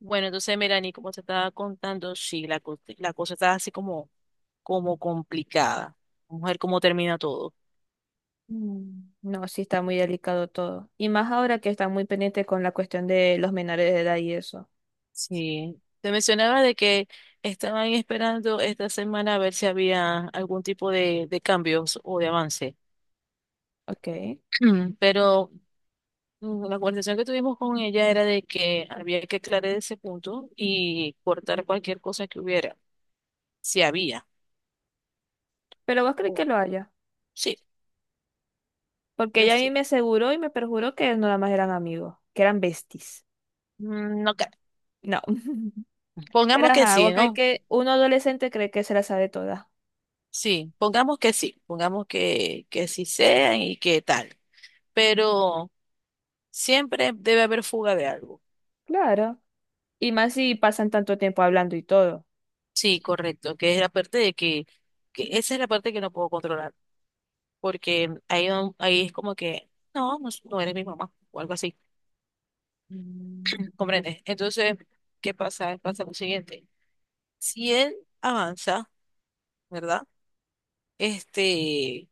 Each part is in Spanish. Bueno, entonces, mira, ni como te estaba contando, sí, la, la cosa está así como, como complicada. Vamos a ver cómo termina todo. No, sí está muy delicado todo. Y más ahora que está muy pendiente con la cuestión de los menores de edad y eso. Sí. Te mencionaba de que estaban esperando esta semana a ver si había algún tipo de cambios o de avance. Ok. Mm, Pero la conversación que tuvimos con ella era de que había que aclarar ese punto y cortar cualquier cosa que hubiera, si había. Pero vos crees que O- lo haya. sí, Porque yo ella a sí. mí me aseguró y me perjuró que no, nada más eran amigos, que eran besties. No, No. Pero pongamos que ajá, vos sí, crees ¿no? que un adolescente cree que se la sabe toda. Sí, pongamos que sí, pongamos que sí sean y que tal, pero siempre debe haber fuga de algo. Claro. Y más si pasan tanto tiempo hablando y todo. Sí, correcto, que esa es la parte que no puedo controlar, porque ahí, ahí es como que, no, no, no eres mi mamá o algo así, Mm, ¿comprendes? Entonces, ¿qué pasa? Pasa lo siguiente, si él avanza, ¿verdad? Este,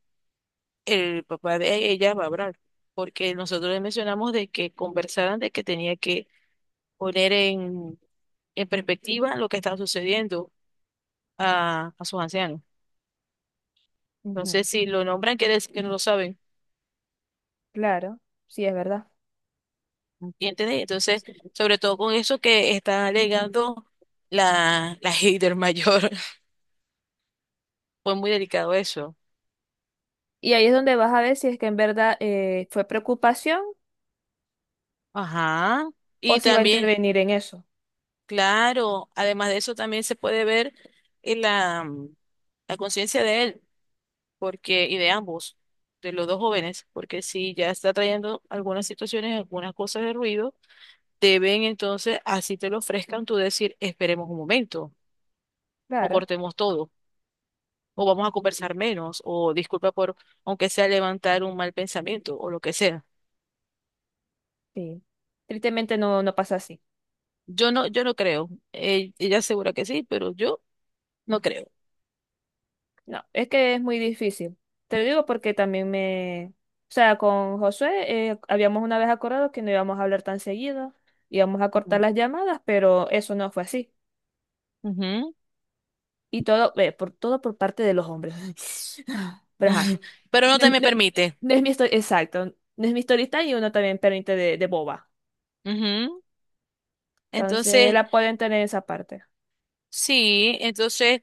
el papá de ella va a hablar, porque nosotros le mencionamos de que conversaran de que tenía que poner en, en perspectiva lo que está sucediendo a sus ancianos. ujú. Entonces, si lo nombran, quiere decir que no lo saben. Claro, sí es verdad. ¿Entiendes? Entonces, sobre todo con eso que está alegando la hater mayor. Fue muy delicado eso. Y ahí es donde vas a ver si es que en verdad fue preocupación Ajá. o Y si va a también, intervenir en eso. claro, además de eso, también se puede ver en la conciencia de él, porque, y de ambos, de los dos jóvenes, porque si ya está trayendo algunas situaciones, algunas cosas de ruido deben entonces, así te lo ofrezcan, tú decir, esperemos un momento, o Claro. cortemos todo, o vamos a conversar menos, o disculpa por, aunque sea levantar un mal pensamiento, o lo que sea. Sí. Tristemente no, no pasa así. Yo no creo. Ella asegura que sí, pero yo no creo. No, es que es muy difícil. Te lo digo porque también me... O sea, con Josué habíamos una vez acordado que no íbamos a hablar tan seguido, íbamos a cortar Ujú. las llamadas, pero eso no fue así. Ujú. Y todo, todo por parte de los hombres. Pero ajá, Pero no no, te es me no permite. no es mi historia, exacto, no es mi story time y uno también permite de boba. Ujú. Entonces Entonces, la pueden tener esa parte. sí, entonces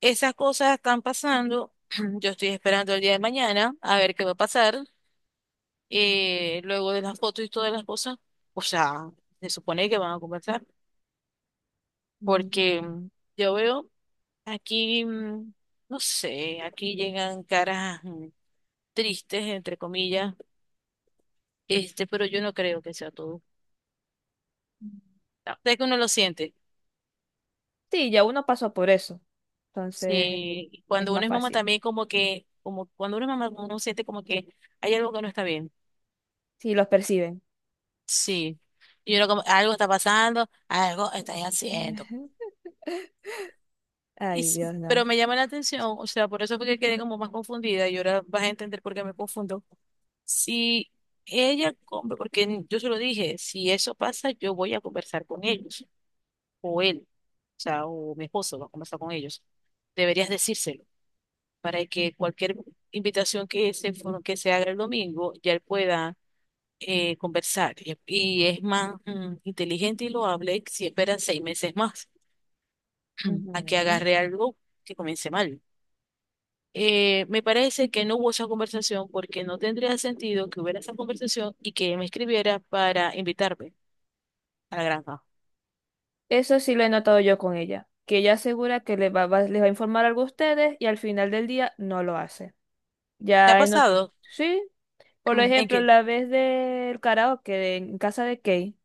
esas cosas están pasando. Yo estoy esperando el día de mañana a ver qué va a pasar. Luego de las fotos y todas las cosas, o sea, se supone que van a conversar, porque Mm. Yo veo aquí, no sé, aquí llegan caras tristes, entre comillas, este, pero yo no creo que sea todo. No. Sé que uno lo siente, Sí, ya uno pasó por eso. Entonces sí, y es cuando uno más es mamá fácil. también como que, como cuando uno es mamá uno siente como que hay algo que no está bien, Sí, los perciben. sí. Y uno como, algo está pasando, algo estás haciendo. Ujú. Y Ay, sí, Dios, no. pero me llama la atención, o sea, por eso fue que quedé como más confundida y ahora vas a entender por qué me confundo. Si ella come, porque yo se lo dije, si eso pasa, yo voy a conversar con ellos, o él, o sea, o mi esposo va a conversar con ellos. Deberías decírselo para que cualquier invitación que se haga el domingo, ya él pueda conversar. Y es más inteligente y lo hable si espera 6 meses más a que Ujú. agarre algo que comience mal. Me parece que no hubo esa conversación porque no tendría sentido que hubiera esa conversación y que me escribiera para invitarme a la granja. Eso sí lo he notado yo con ella, que ella asegura que les les va a informar algo a ustedes y al final del día no lo hace. ¿Te ha Ya he not- pasado? Sí, por Mm. ¿En ejemplo, qué? la vez del karaoke en casa de Kay.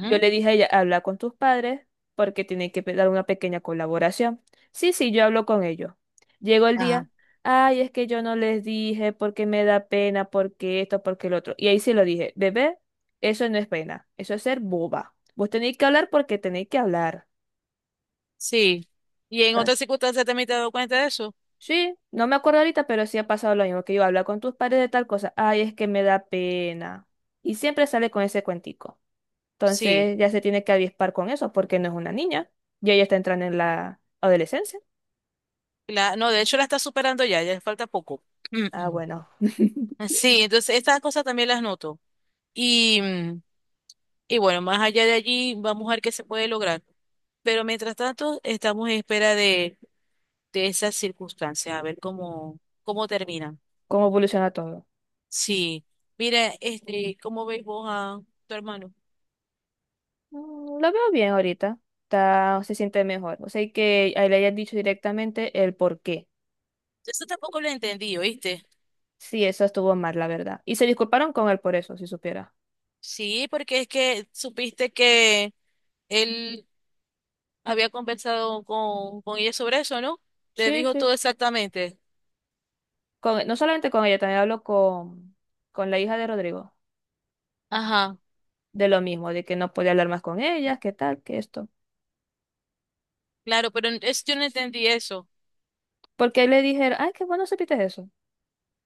Yo le dije a ella, habla con tus padres porque tienen que dar una pequeña colaboración. Sí, sí, yo hablo con ellos. Llegó el Ajá. día, ay, es que yo no les dije porque me da pena, porque esto, porque el otro. Y ahí sí lo dije, bebé, eso no es pena, eso es ser boba. Vos tenéis que hablar porque tenéis que hablar. Sí. ¿Y en Ta- otras circunstancias también te has dado cuenta de eso? Sí, no me acuerdo ahorita, pero sí ha pasado lo mismo, que yo habla con tus padres de tal cosa, ay, es que me da pena. Y siempre sale con ese cuentico. Sí. Entonces ya se tiene que avispar con eso porque no es una niña y ella está entrando en la adolescencia. La, no, de hecho la está superando ya, ya le falta poco. Ah, bueno, Sí, entonces estas cosas también las noto. Y, mm, y bueno, más allá de allí, vamos a ver qué se puede lograr. Pero mientras tanto, estamos en espera de esas circunstancias, a ver cómo, cómo terminan. cómo evoluciona todo. Sí, mira, este, ¿cómo veis vos a tu hermano? Lo veo bien ahorita. Está, se siente mejor. O sea, y que a él le hayan dicho directamente el por qué. Eso tampoco lo entendí, ¿oíste? Sí, eso estuvo mal, la verdad. Y se disculparon con él por eso, si supiera. Sí, porque es que supiste que él había conversado con ella sobre eso, ¿no? Le Sí, dijo sí. todo exactamente. Con, no solamente con ella, también hablo con la hija de Rodrigo. Ajá, De lo mismo, de que no podía hablar más con ella, qué tal, que esto. claro, pero es, yo no entendí eso. Porque le dijeron, ay, qué bueno supiste eso.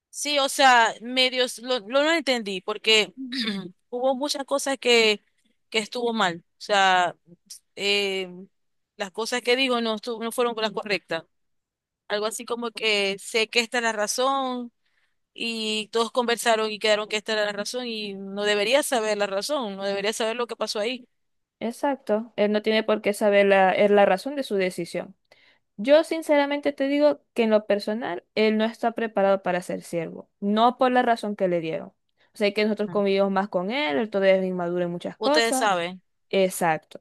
Sí, o sea, medios lo no entendí, porque hubo muchas cosas que estuvo mal. O sea, eh, las cosas que digo no, no fueron las correctas. Algo así como que sé que esta es la razón y todos conversaron y quedaron que esta era la razón y no debería saber la razón, no debería saber lo que pasó ahí. Exacto, él no tiene por qué saber es la razón de su decisión. Yo sinceramente te digo que en lo personal, él no está preparado para ser siervo, no por la razón que le dieron. Sé que nosotros Ah, convivimos más con él, él todavía es inmaduro en muchas ustedes cosas. saben. Exacto.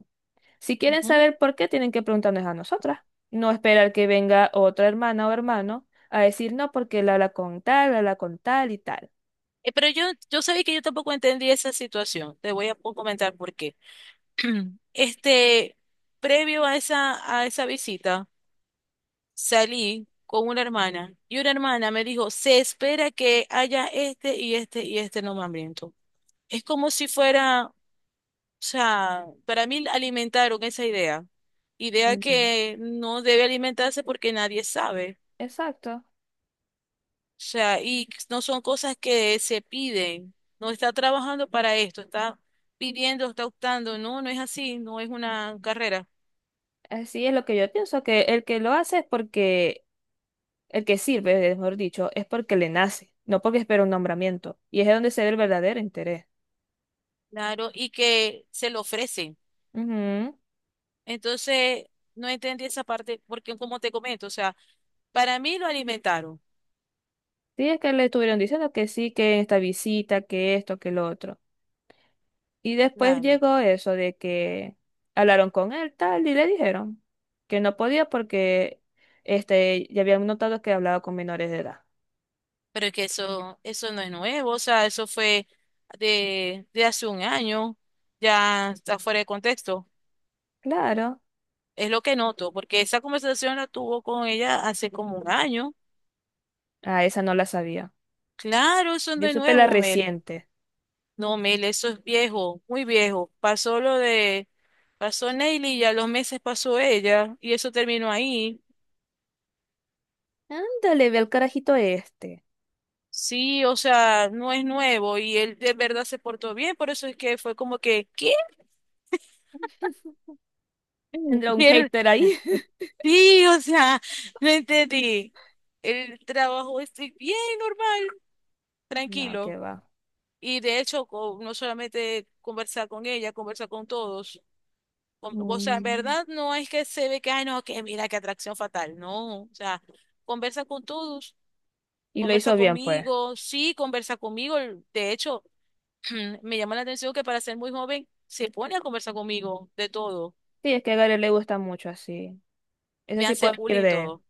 Si quieren Ujú. saber por qué, tienen que preguntarnos a nosotras. No esperar que venga otra hermana o hermano a decir no porque él habla con tal y tal. Pero yo sabía que yo tampoco entendí esa situación. Te voy a comentar por qué. Este, previo a a esa visita, salí con una hermana y una hermana me dijo, se espera que haya este y este y este nombramiento. Es como si fuera, o sea, para mí alimentaron esa idea, idea Ujú. que no debe alimentarse porque nadie sabe, Exacto. o sea, y no son cosas que se piden, no está trabajando para esto, está pidiendo, está optando, no, no es así, no es una carrera, Así es lo que yo pienso, que el que lo hace es porque... El que sirve, mejor dicho, es porque le nace, no porque espera un nombramiento. Y es de donde se ve el verdadero interés. claro, y que se lo ofrecen. Ujú. Entonces, no entendí esa parte porque, como te comento, o sea, para mí lo alimentaron, Sí, es que le estuvieron diciendo que sí, que en esta visita, que esto, que lo otro. Y después claro. llegó eso de que hablaron con él, tal, y le dijeron que no podía porque ya habían notado que hablaba con menores de edad. Pero es que eso no es nuevo, o sea, eso fue de hace un año, ya está fuera de contexto. Claro. Es lo que noto, porque esa conversación la tuvo con ella hace como un año. Ah, esa no la sabía. Claro, eso no Yo es supe la nuevo, Mel. reciente. No, Mel, eso es viejo, muy viejo. Pasó Neily y a los meses pasó ella, y eso terminó ahí. Ándale, ve al carajito este. Sí, o sea, no es nuevo y él de verdad se portó bien, por eso es que fue como que, ¿qué? Tendrá un Y él, hater ahí. sí, o sea, no entendí. El trabajo es bien normal, No, que tranquilo. va. Y de hecho, no solamente conversar con ella, conversar con todos. O sea, en Mm. verdad no es que se ve que, ay, no, que mira, qué atracción fatal. No, o sea, conversa con todos, Y lo conversa hizo bien, pues. conmigo, sí, conversa conmigo. De hecho, me llama la atención que para ser muy joven se pone a conversar conmigo de todo. Sí, es que a Gary le gusta mucho así. Eso Me sí hace puedo decir bullying y de todo.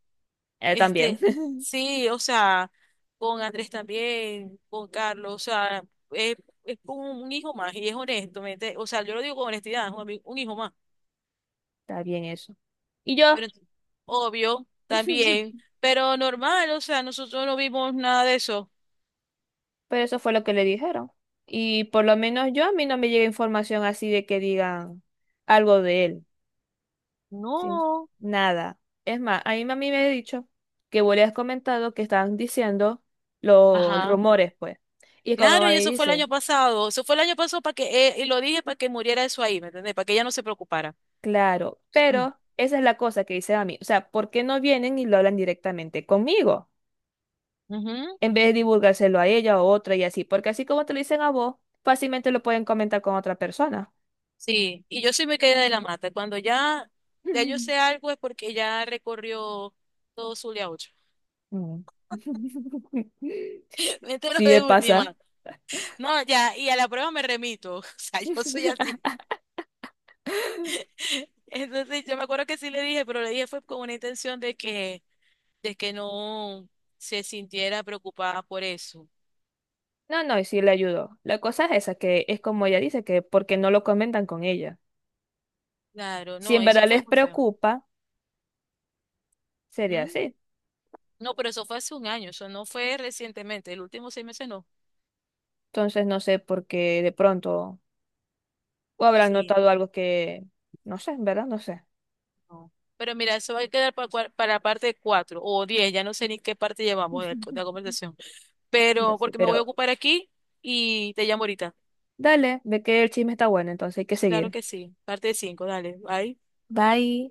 él también. Este, sí, o sea, con Andrés también, con Carlos, o sea, es, es un hijo más y es honesto, ¿me entiendes? O sea, yo lo digo con honestidad, es un, un hijo más, Está bien eso. Y yo, pero obvio, también, pero normal, o sea, nosotros no vimos nada de eso. pero eso fue lo que le dijeron. Y por lo menos yo, a mí no me llega información así de que digan algo de él. ¿Sí? No, Nada. Es más, a mí mami me ha dicho que vos le has comentado que estaban diciendo los ajá. rumores, pues. Y como Claro, y mami eso fue el año dice, pasado, eso fue el año pasado para que, y lo dije para que muriera eso ahí, ¿me entendés? Para que ella no se preocupara. claro, Mm. pero esa es la cosa que dice a mí. O sea, ¿por qué no vienen y lo hablan directamente conmigo? Ujú. En vez de divulgárselo a ella o otra y así, porque así como te lo dicen a vos, fácilmente lo pueden comentar con otra persona. Sí, y yo sí me quedé de la mata. Cuando ya, ya yo sé algo es porque ya recorrió todo Zulia 8. Mm. Me entero Sí, de me pasa. última. No, ya, y a la prueba me remito. O sea, yo soy así. Entonces, yo me acuerdo que sí le dije, pero le dije fue con una intención de que no se sintiera preocupada por eso. No, no, y sí le ayudó. La cosa es esa, que es como ella dice, que porque no lo comentan con ella. Claro, Si no, en eso verdad fue les muy feo. preocupa, sería Ujú. así. No, pero eso fue hace un año, eso no fue recientemente. El último seis meses no. Entonces no sé por qué de pronto, o habrán Sí. notado algo que, no sé, en verdad, no sé. No. Pero mira, eso va a quedar para, la parte 4 o 10 ya no sé ni qué parte llevamos de, la conversación. No Pero sé, porque me voy pero a ocupar aquí y te llamo ahorita. dale, ve que el chisme está bueno, entonces hay que Claro seguir. que sí, parte 5 dale, bye. Bye.